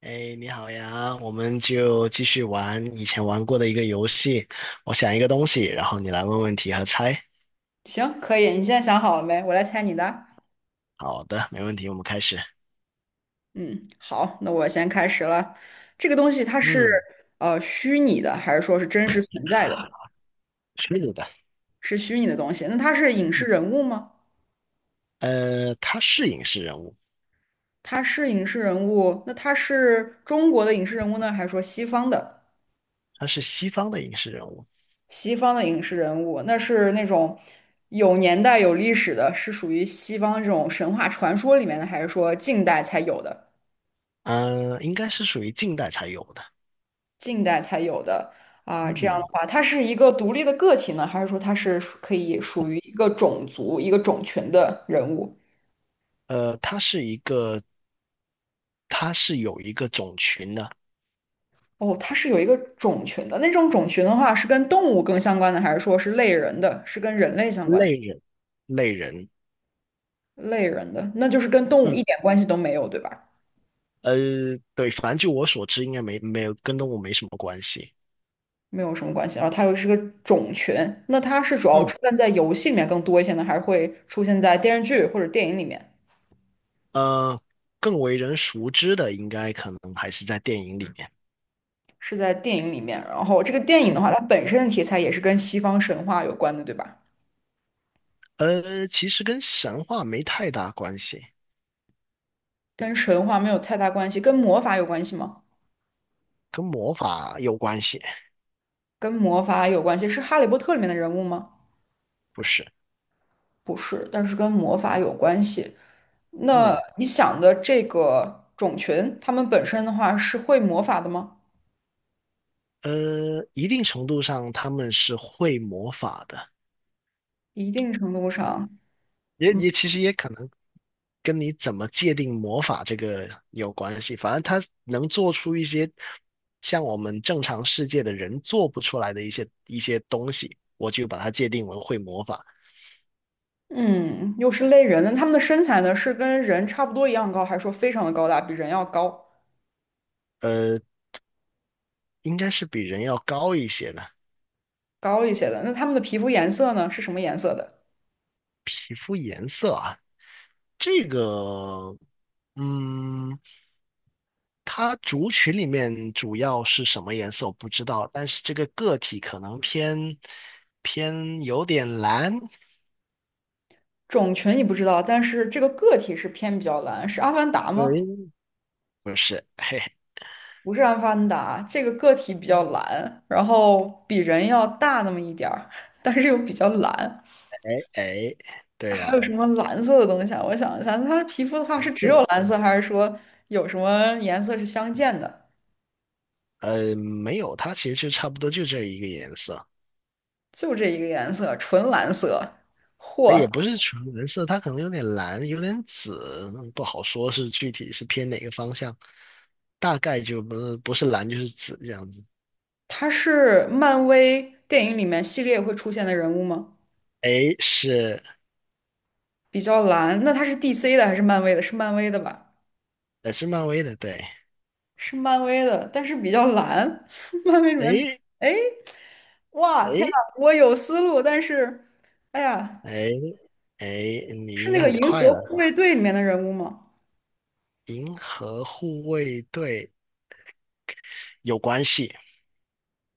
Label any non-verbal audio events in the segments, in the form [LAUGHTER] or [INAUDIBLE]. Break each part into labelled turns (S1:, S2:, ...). S1: 哎，你好呀，我们就继续玩以前玩过的一个游戏。我想一个东西，然后你来问问题和猜。
S2: 行，可以。你现在想好了没？我来猜你的。
S1: 好的，没问题，我们开始。
S2: 嗯，好，那我先开始了。这个东西它是
S1: 嗯，
S2: 虚拟的，还是说是真实存在的？
S1: 是的，
S2: 是虚拟的东西。那它是影视人物吗？
S1: 他是影视人物，
S2: 它是影视人物。那它是中国的影视人物呢，还是说西方的？
S1: 他是西方的影视人物，
S2: 西方的影视人物，那是那种有年代、有历史的，是属于西方这种神话传说里面的，还是说近代才有的？
S1: 嗯，应该是属于近代才有的。
S2: 近代才有的啊，这样的
S1: 嗯，
S2: 话，它是一个独立的个体呢，还是说它是属可以属于一个种族、一个种群的人物？
S1: 呃，他是一个，他是有一个种群的
S2: 哦，它是有一个种群的，那种群的话是跟动物更相关的，还是说是类人的，是跟人类相关的？
S1: 类人，类人。
S2: 类人的，那就是跟动物一
S1: 嗯，
S2: 点关系都没有，对吧？
S1: 呃，对，反正就我所知，应该没有跟动物没什么关系。
S2: 没有什么关系。然后它又是个种群，那它是主要
S1: 嗯。
S2: 出现在游戏里面更多一些呢，还是会出现在电视剧或者电影里面？
S1: 呃，更为人熟知的应该可能还是在电影里面。
S2: 是在电影里面。然后这个电影的话，它本身的题材也是跟西方神话有关的，对吧？
S1: 其实跟神话没太大关系，
S2: 跟神话没有太大关系，跟魔法有关系吗？
S1: 跟魔法有关系，
S2: 跟魔法有关系，是《哈利波特》里面的人物吗？
S1: 不是？
S2: 不是，但是跟魔法有关系。那
S1: 嗯，
S2: 你想的这个种群，他们本身的话是会魔法的吗？
S1: 一定程度上他们是会魔法的，
S2: 一定程度上，
S1: 也其实也可能跟你怎么界定魔法这个有关系。反正他能做出一些像我们正常世界的人做不出来的一些东西，我就把它界定为会魔法。
S2: 嗯，又是类人，那他们的身材呢，是跟人差不多一样高，还是说非常的高大，比人要高？
S1: 呃。应该是比人要高一些的。
S2: 高一些的？那他们的皮肤颜色呢，是什么颜色的？
S1: 这个，嗯，它族群里面主要是什么颜色我不知道，但是这个个体可能偏有点蓝。
S2: 种群你不知道，但是这个个体是偏比较蓝，是阿凡达吗？
S1: 对，不是，嘿嘿，
S2: 不是阿凡达，这个个体比较蓝，然后比人要大那么一点儿，但是又比较蓝。
S1: 哎哎，对
S2: 还
S1: 了，
S2: 有什么蓝色的东西啊？我想一下，那它的皮肤的话
S1: 蓝
S2: 是只
S1: 色的，
S2: 有蓝色，还是说有什么颜色是相间的？
S1: 没有，它其实就差不多就这一个颜色。
S2: 就这一个颜色，纯蓝色。嚯，
S1: 也不是纯蓝色，它可能有点蓝，有点紫，嗯不好说是具体是偏哪个方向，大概就不是蓝就是紫这样子。
S2: 它是漫威电影里面系列会出现的人物吗？
S1: 哎，是，
S2: 比较蓝，那它是 DC 的还是漫威的？是漫威的吧？
S1: 是漫威的，对。
S2: 是漫威的，但是比较蓝。[LAUGHS] 漫威里面比较
S1: 哎
S2: 哎，哇，天呐，
S1: 哎
S2: 我有思路，但是，哎呀，
S1: 哎哎，你
S2: 是
S1: 应
S2: 那
S1: 该
S2: 个
S1: 很
S2: 银
S1: 快
S2: 河
S1: 了，
S2: 护卫队里面的人物吗？
S1: 《银河护卫队》有关系，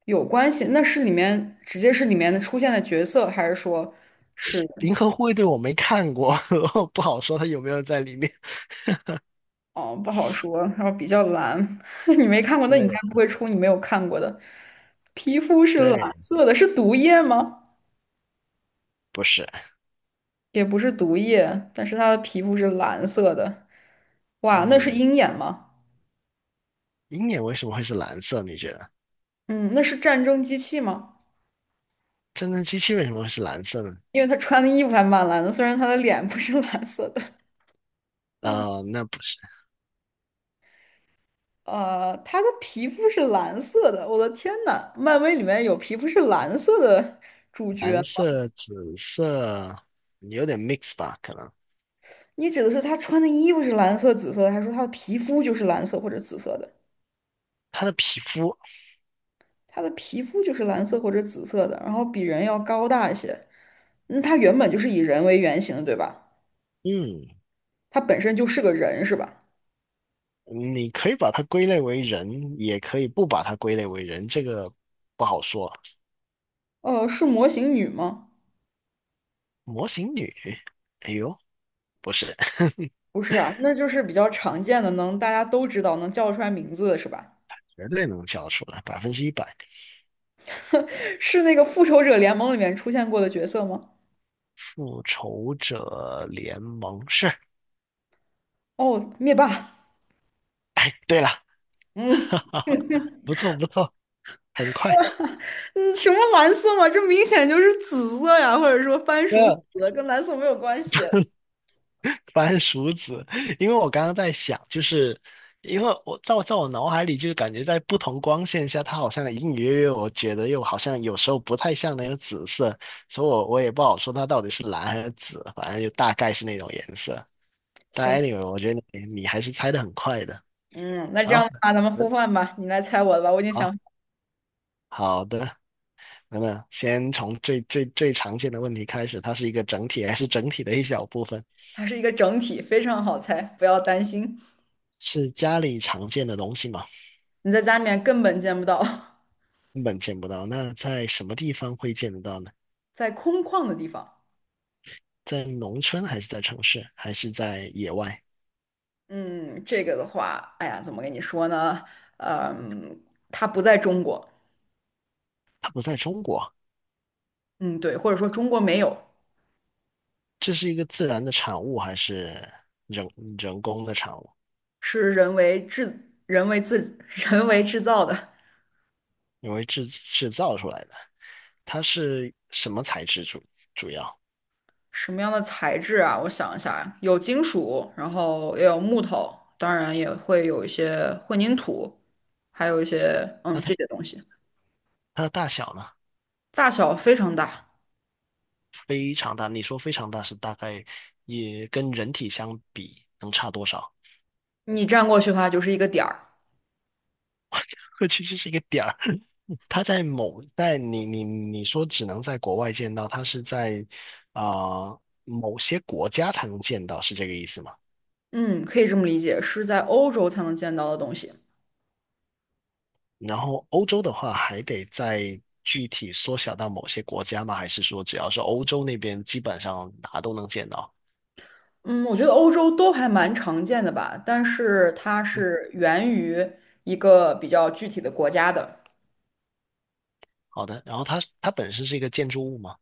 S2: 有关系？那是里面直接是里面的出现的角色，还是说是？
S1: 《银河护卫队》我没看过，[LAUGHS] 不好说它有没有在里面。
S2: 哦，不好说。然后比较蓝，[LAUGHS] 你没看过，那你应该
S1: 对
S2: 不会出你没有看过的。皮肤是蓝
S1: 对，
S2: 色的，是毒液吗？
S1: 不是，
S2: 也不是毒液，但是他的皮肤是蓝色的。哇，那是
S1: 嗯，
S2: 鹰眼吗？
S1: 鹰眼为什么会是蓝色？你觉得？
S2: 嗯，那是战争机器吗？
S1: 战争机器为什么会是蓝色呢？
S2: 因为他穿的衣服还蛮蓝的，虽然他的脸不是蓝色的。嗯，
S1: 那不是
S2: 他的皮肤是蓝色的，我的天呐，漫威里面有皮肤是蓝色的主角
S1: 蓝
S2: 吗？
S1: 色、紫色，有点 mix 吧？可能
S2: 你指的是他穿的衣服是蓝色、紫色的，还是说他的皮肤就是蓝色或者紫色的？
S1: 它的皮肤，
S2: 他的皮肤就是蓝色或者紫色的，然后比人要高大一些。那他原本就是以人为原型的，对吧？
S1: 嗯，
S2: 他本身就是个人，是吧？
S1: 你可以把它归类为人，也可以不把它归类为人，这个不好说。
S2: 哦，是模型女吗？
S1: 模型女，哎呦，不是，[LAUGHS]
S2: 不是啊，那就是比较常见的，能大家都知道，能叫出来名字的是吧？
S1: 绝对能叫出来，百分之一百。
S2: [LAUGHS] 是那个复仇者联盟里面出现过的角色吗？
S1: 复仇者联盟是，
S2: 哦，灭霸。
S1: 哎，对了，
S2: 嗯
S1: [LAUGHS] 不错不错，很快。
S2: 嗯，什么蓝色嘛？这明显就是紫色呀，或者说番薯
S1: 那
S2: 紫，跟蓝色没有关系。
S1: 番薯子，因为我刚刚在想，就是因为我脑海里，就是感觉在不同光线下，它好像隐隐约约，我觉得又好像有时候不太像那个紫色，所以我也不好说它到底是蓝还是紫，反正就大概是那种颜色。但
S2: 行，
S1: anyway，我觉得你还是猜的很快的。
S2: 嗯，那这样
S1: 好，
S2: 的话，咱们互
S1: 嗯
S2: 换吧，你来猜我的吧，我已经
S1: 好，
S2: 想，
S1: 好的，那么先从最最最常见的问题开始，它是一个整体还是整体的一小部分？
S2: 它是一个整体，非常好猜，不要担心。
S1: 是家里常见的东西吗？
S2: 你在家里面根本见不到，
S1: 根本见不到。那在什么地方会见得到呢？
S2: [LAUGHS] 在空旷的地方。
S1: 在农村还是在城市，还是在野外？
S2: 嗯，这个的话，哎呀，怎么跟你说呢？嗯，它不在中国，
S1: 它不在中国，
S2: 嗯，对，或者说中国没有，
S1: 这是一个自然的产物还是人人工的产物？
S2: 是人为制、人为自、[LAUGHS] 人为制造的。
S1: 因为制造出来的，它是什么材质主要？
S2: 什么样的材质啊？我想一下啊，有金属，然后也有木头，当然也会有一些混凝土，还有一些这些东西，
S1: 它的大小呢？
S2: 大小非常大，
S1: 非常大。你说非常大是大概也跟人体相比能差多少？
S2: 你站过去的话就是一个点儿。
S1: [LAUGHS] 或其实是一个点儿。他在某在你你你说只能在国外见到，他是在啊、呃某些国家才能见到，是这个意思吗？
S2: 嗯，可以这么理解，是在欧洲才能见到的东西。
S1: 然后欧洲的话，还得再具体缩小到某些国家吗？还是说只要是欧洲那边，基本上哪都能见到？
S2: 嗯，我觉得欧洲都还蛮常见的吧，但是它
S1: 嗯，
S2: 是源于一个比较具体的国家的，
S1: 好的。然后它本身是一个建筑物吗？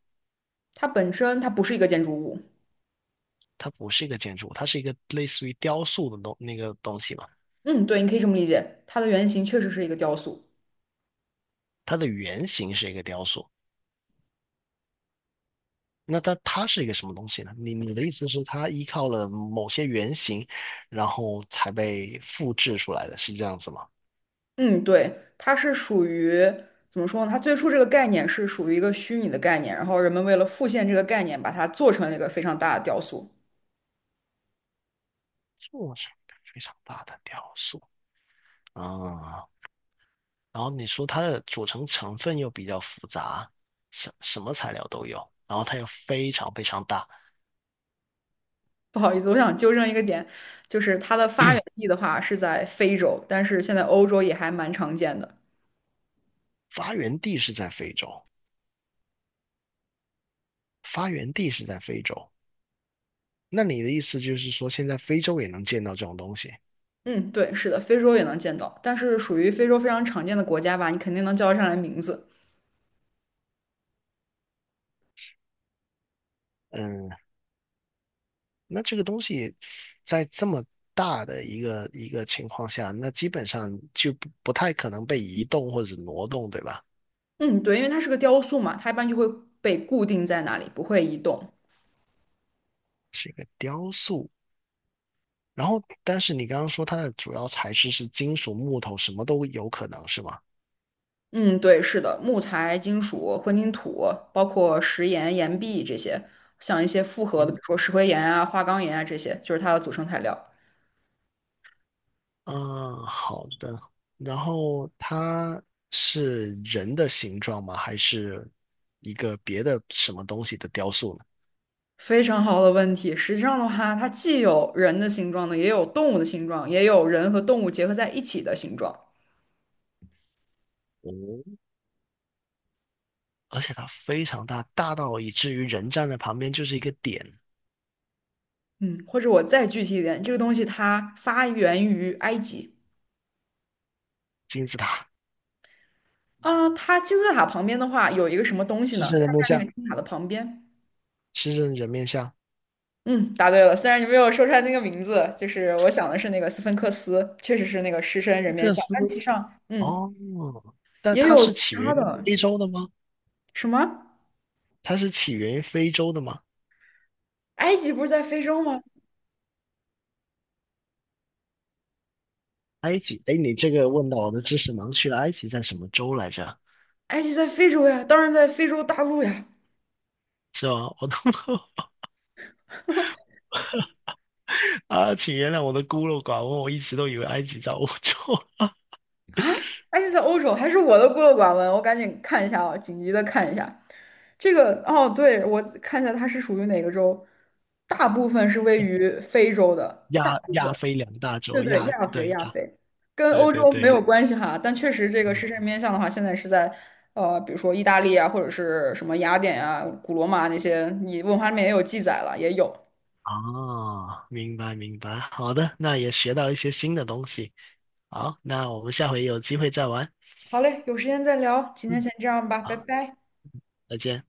S2: 它本身它不是一个建筑物。
S1: 它不是一个建筑物，它是一个类似于雕塑的东那个东西嘛？
S2: 嗯，对，你可以这么理解，它的原型确实是一个雕塑。
S1: 它的原型是一个雕塑。那它是一个什么东西呢？你的意思是它依靠了某些原型，然后才被复制出来的，是这样子吗？
S2: 嗯，对，它是属于怎么说呢？它最初这个概念是属于一个虚拟的概念，然后人们为了复现这个概念，把它做成了一个非常大的雕塑。
S1: 做成非常大的雕塑啊，然后你说它的组成成分又比较复杂，什么材料都有，然后它又非常非常大，
S2: 不好意思，我想纠正一个点，就是它的发源
S1: [COUGHS] [CLEARS THROAT]
S2: 地的话是在非洲，但是现在欧洲也还蛮常见的。
S1: 发源地是在非洲，发源地是在非洲。那你的意思就是说，现在非洲也能见到这种东西？
S2: 嗯，对，是的，非洲也能见到，但是属于非洲非常常见的国家吧，你肯定能叫得上来名字。
S1: 嗯，那这个东西在这么大的一个情况下，那基本上就不太可能被移动或者挪动，对吧？
S2: 嗯，对，因为它是个雕塑嘛，它一般就会被固定在那里，不会移动。
S1: 是一个雕塑。然后，但是你刚刚说它的主要材质是金属、木头，什么都有可能，是吗？
S2: 嗯，对，是的，木材、金属、混凝土，包括石岩、岩壁这些，像一些复合的，比
S1: 嗯
S2: 如说石灰岩啊、花岗岩啊这些，就是它的组成材料。
S1: 嗯，好的。然后它是人的形状吗？还是一个别的什么东西的雕塑呢？
S2: 非常好的问题。实际上的话，它既有人的形状呢，也有动物的形状，也有人和动物结合在一起的形状。
S1: 哦，而且它非常大，大到以至于人站在旁边就是一个点，
S2: 嗯，或者我再具体一点，这个东西它发源于埃及
S1: 金字塔。
S2: 啊，它金字塔旁边的话有一个什么东西
S1: 狮
S2: 呢？
S1: 身
S2: 它
S1: 人
S2: 在
S1: 面
S2: 那个
S1: 像，
S2: 金字塔的旁边。
S1: 狮身人面像，
S2: 嗯，答对了，虽然你没有说出来那个名字，就是我想的是那个斯芬克斯，确实是那个狮身人面
S1: 这
S2: 像，
S1: 斯
S2: 但其实上，嗯，
S1: 哦，但
S2: 也
S1: 它
S2: 有
S1: 是
S2: 其
S1: 起源
S2: 他
S1: 于
S2: 的，
S1: 非洲的吗？
S2: 什么？
S1: 它是起源于非洲的吗？
S2: 埃及不是在非洲吗？
S1: 埃及？哎，你这个问到我的知识盲区了。埃及在什么州来着？
S2: 埃及在非洲呀，当然在非洲大陆呀。
S1: 是吧？我都 [LAUGHS] 啊，请原谅我的孤陋寡闻，我一直都以为埃及在欧洲，[LAUGHS]
S2: 埃及在欧洲还是我的孤陋寡闻，我赶紧看一下啊，紧急的看一下这个。哦，对，我看一下它是属于哪个州，大部分是位于非洲的，大
S1: 亚
S2: 部
S1: 亚
S2: 分，
S1: 非两大
S2: 对
S1: 洲，
S2: 对，
S1: 亚
S2: 亚非
S1: 对
S2: 亚
S1: 亚，
S2: 非，跟
S1: 对
S2: 欧
S1: 对
S2: 洲没
S1: 对，
S2: 有关系哈，但确实这个
S1: 嗯，
S2: 狮身人面像的话，现在是在比如说意大利啊，或者是什么雅典啊、古罗马那些，你文化里面也有记载了，也有。
S1: 哦，明白明白，好的，那也学到一些新的东西。好，那我们下回有机会再玩。
S2: 好嘞，有时间再聊，今天
S1: 嗯，
S2: 先这样吧，拜
S1: 好，
S2: 拜。
S1: 再见。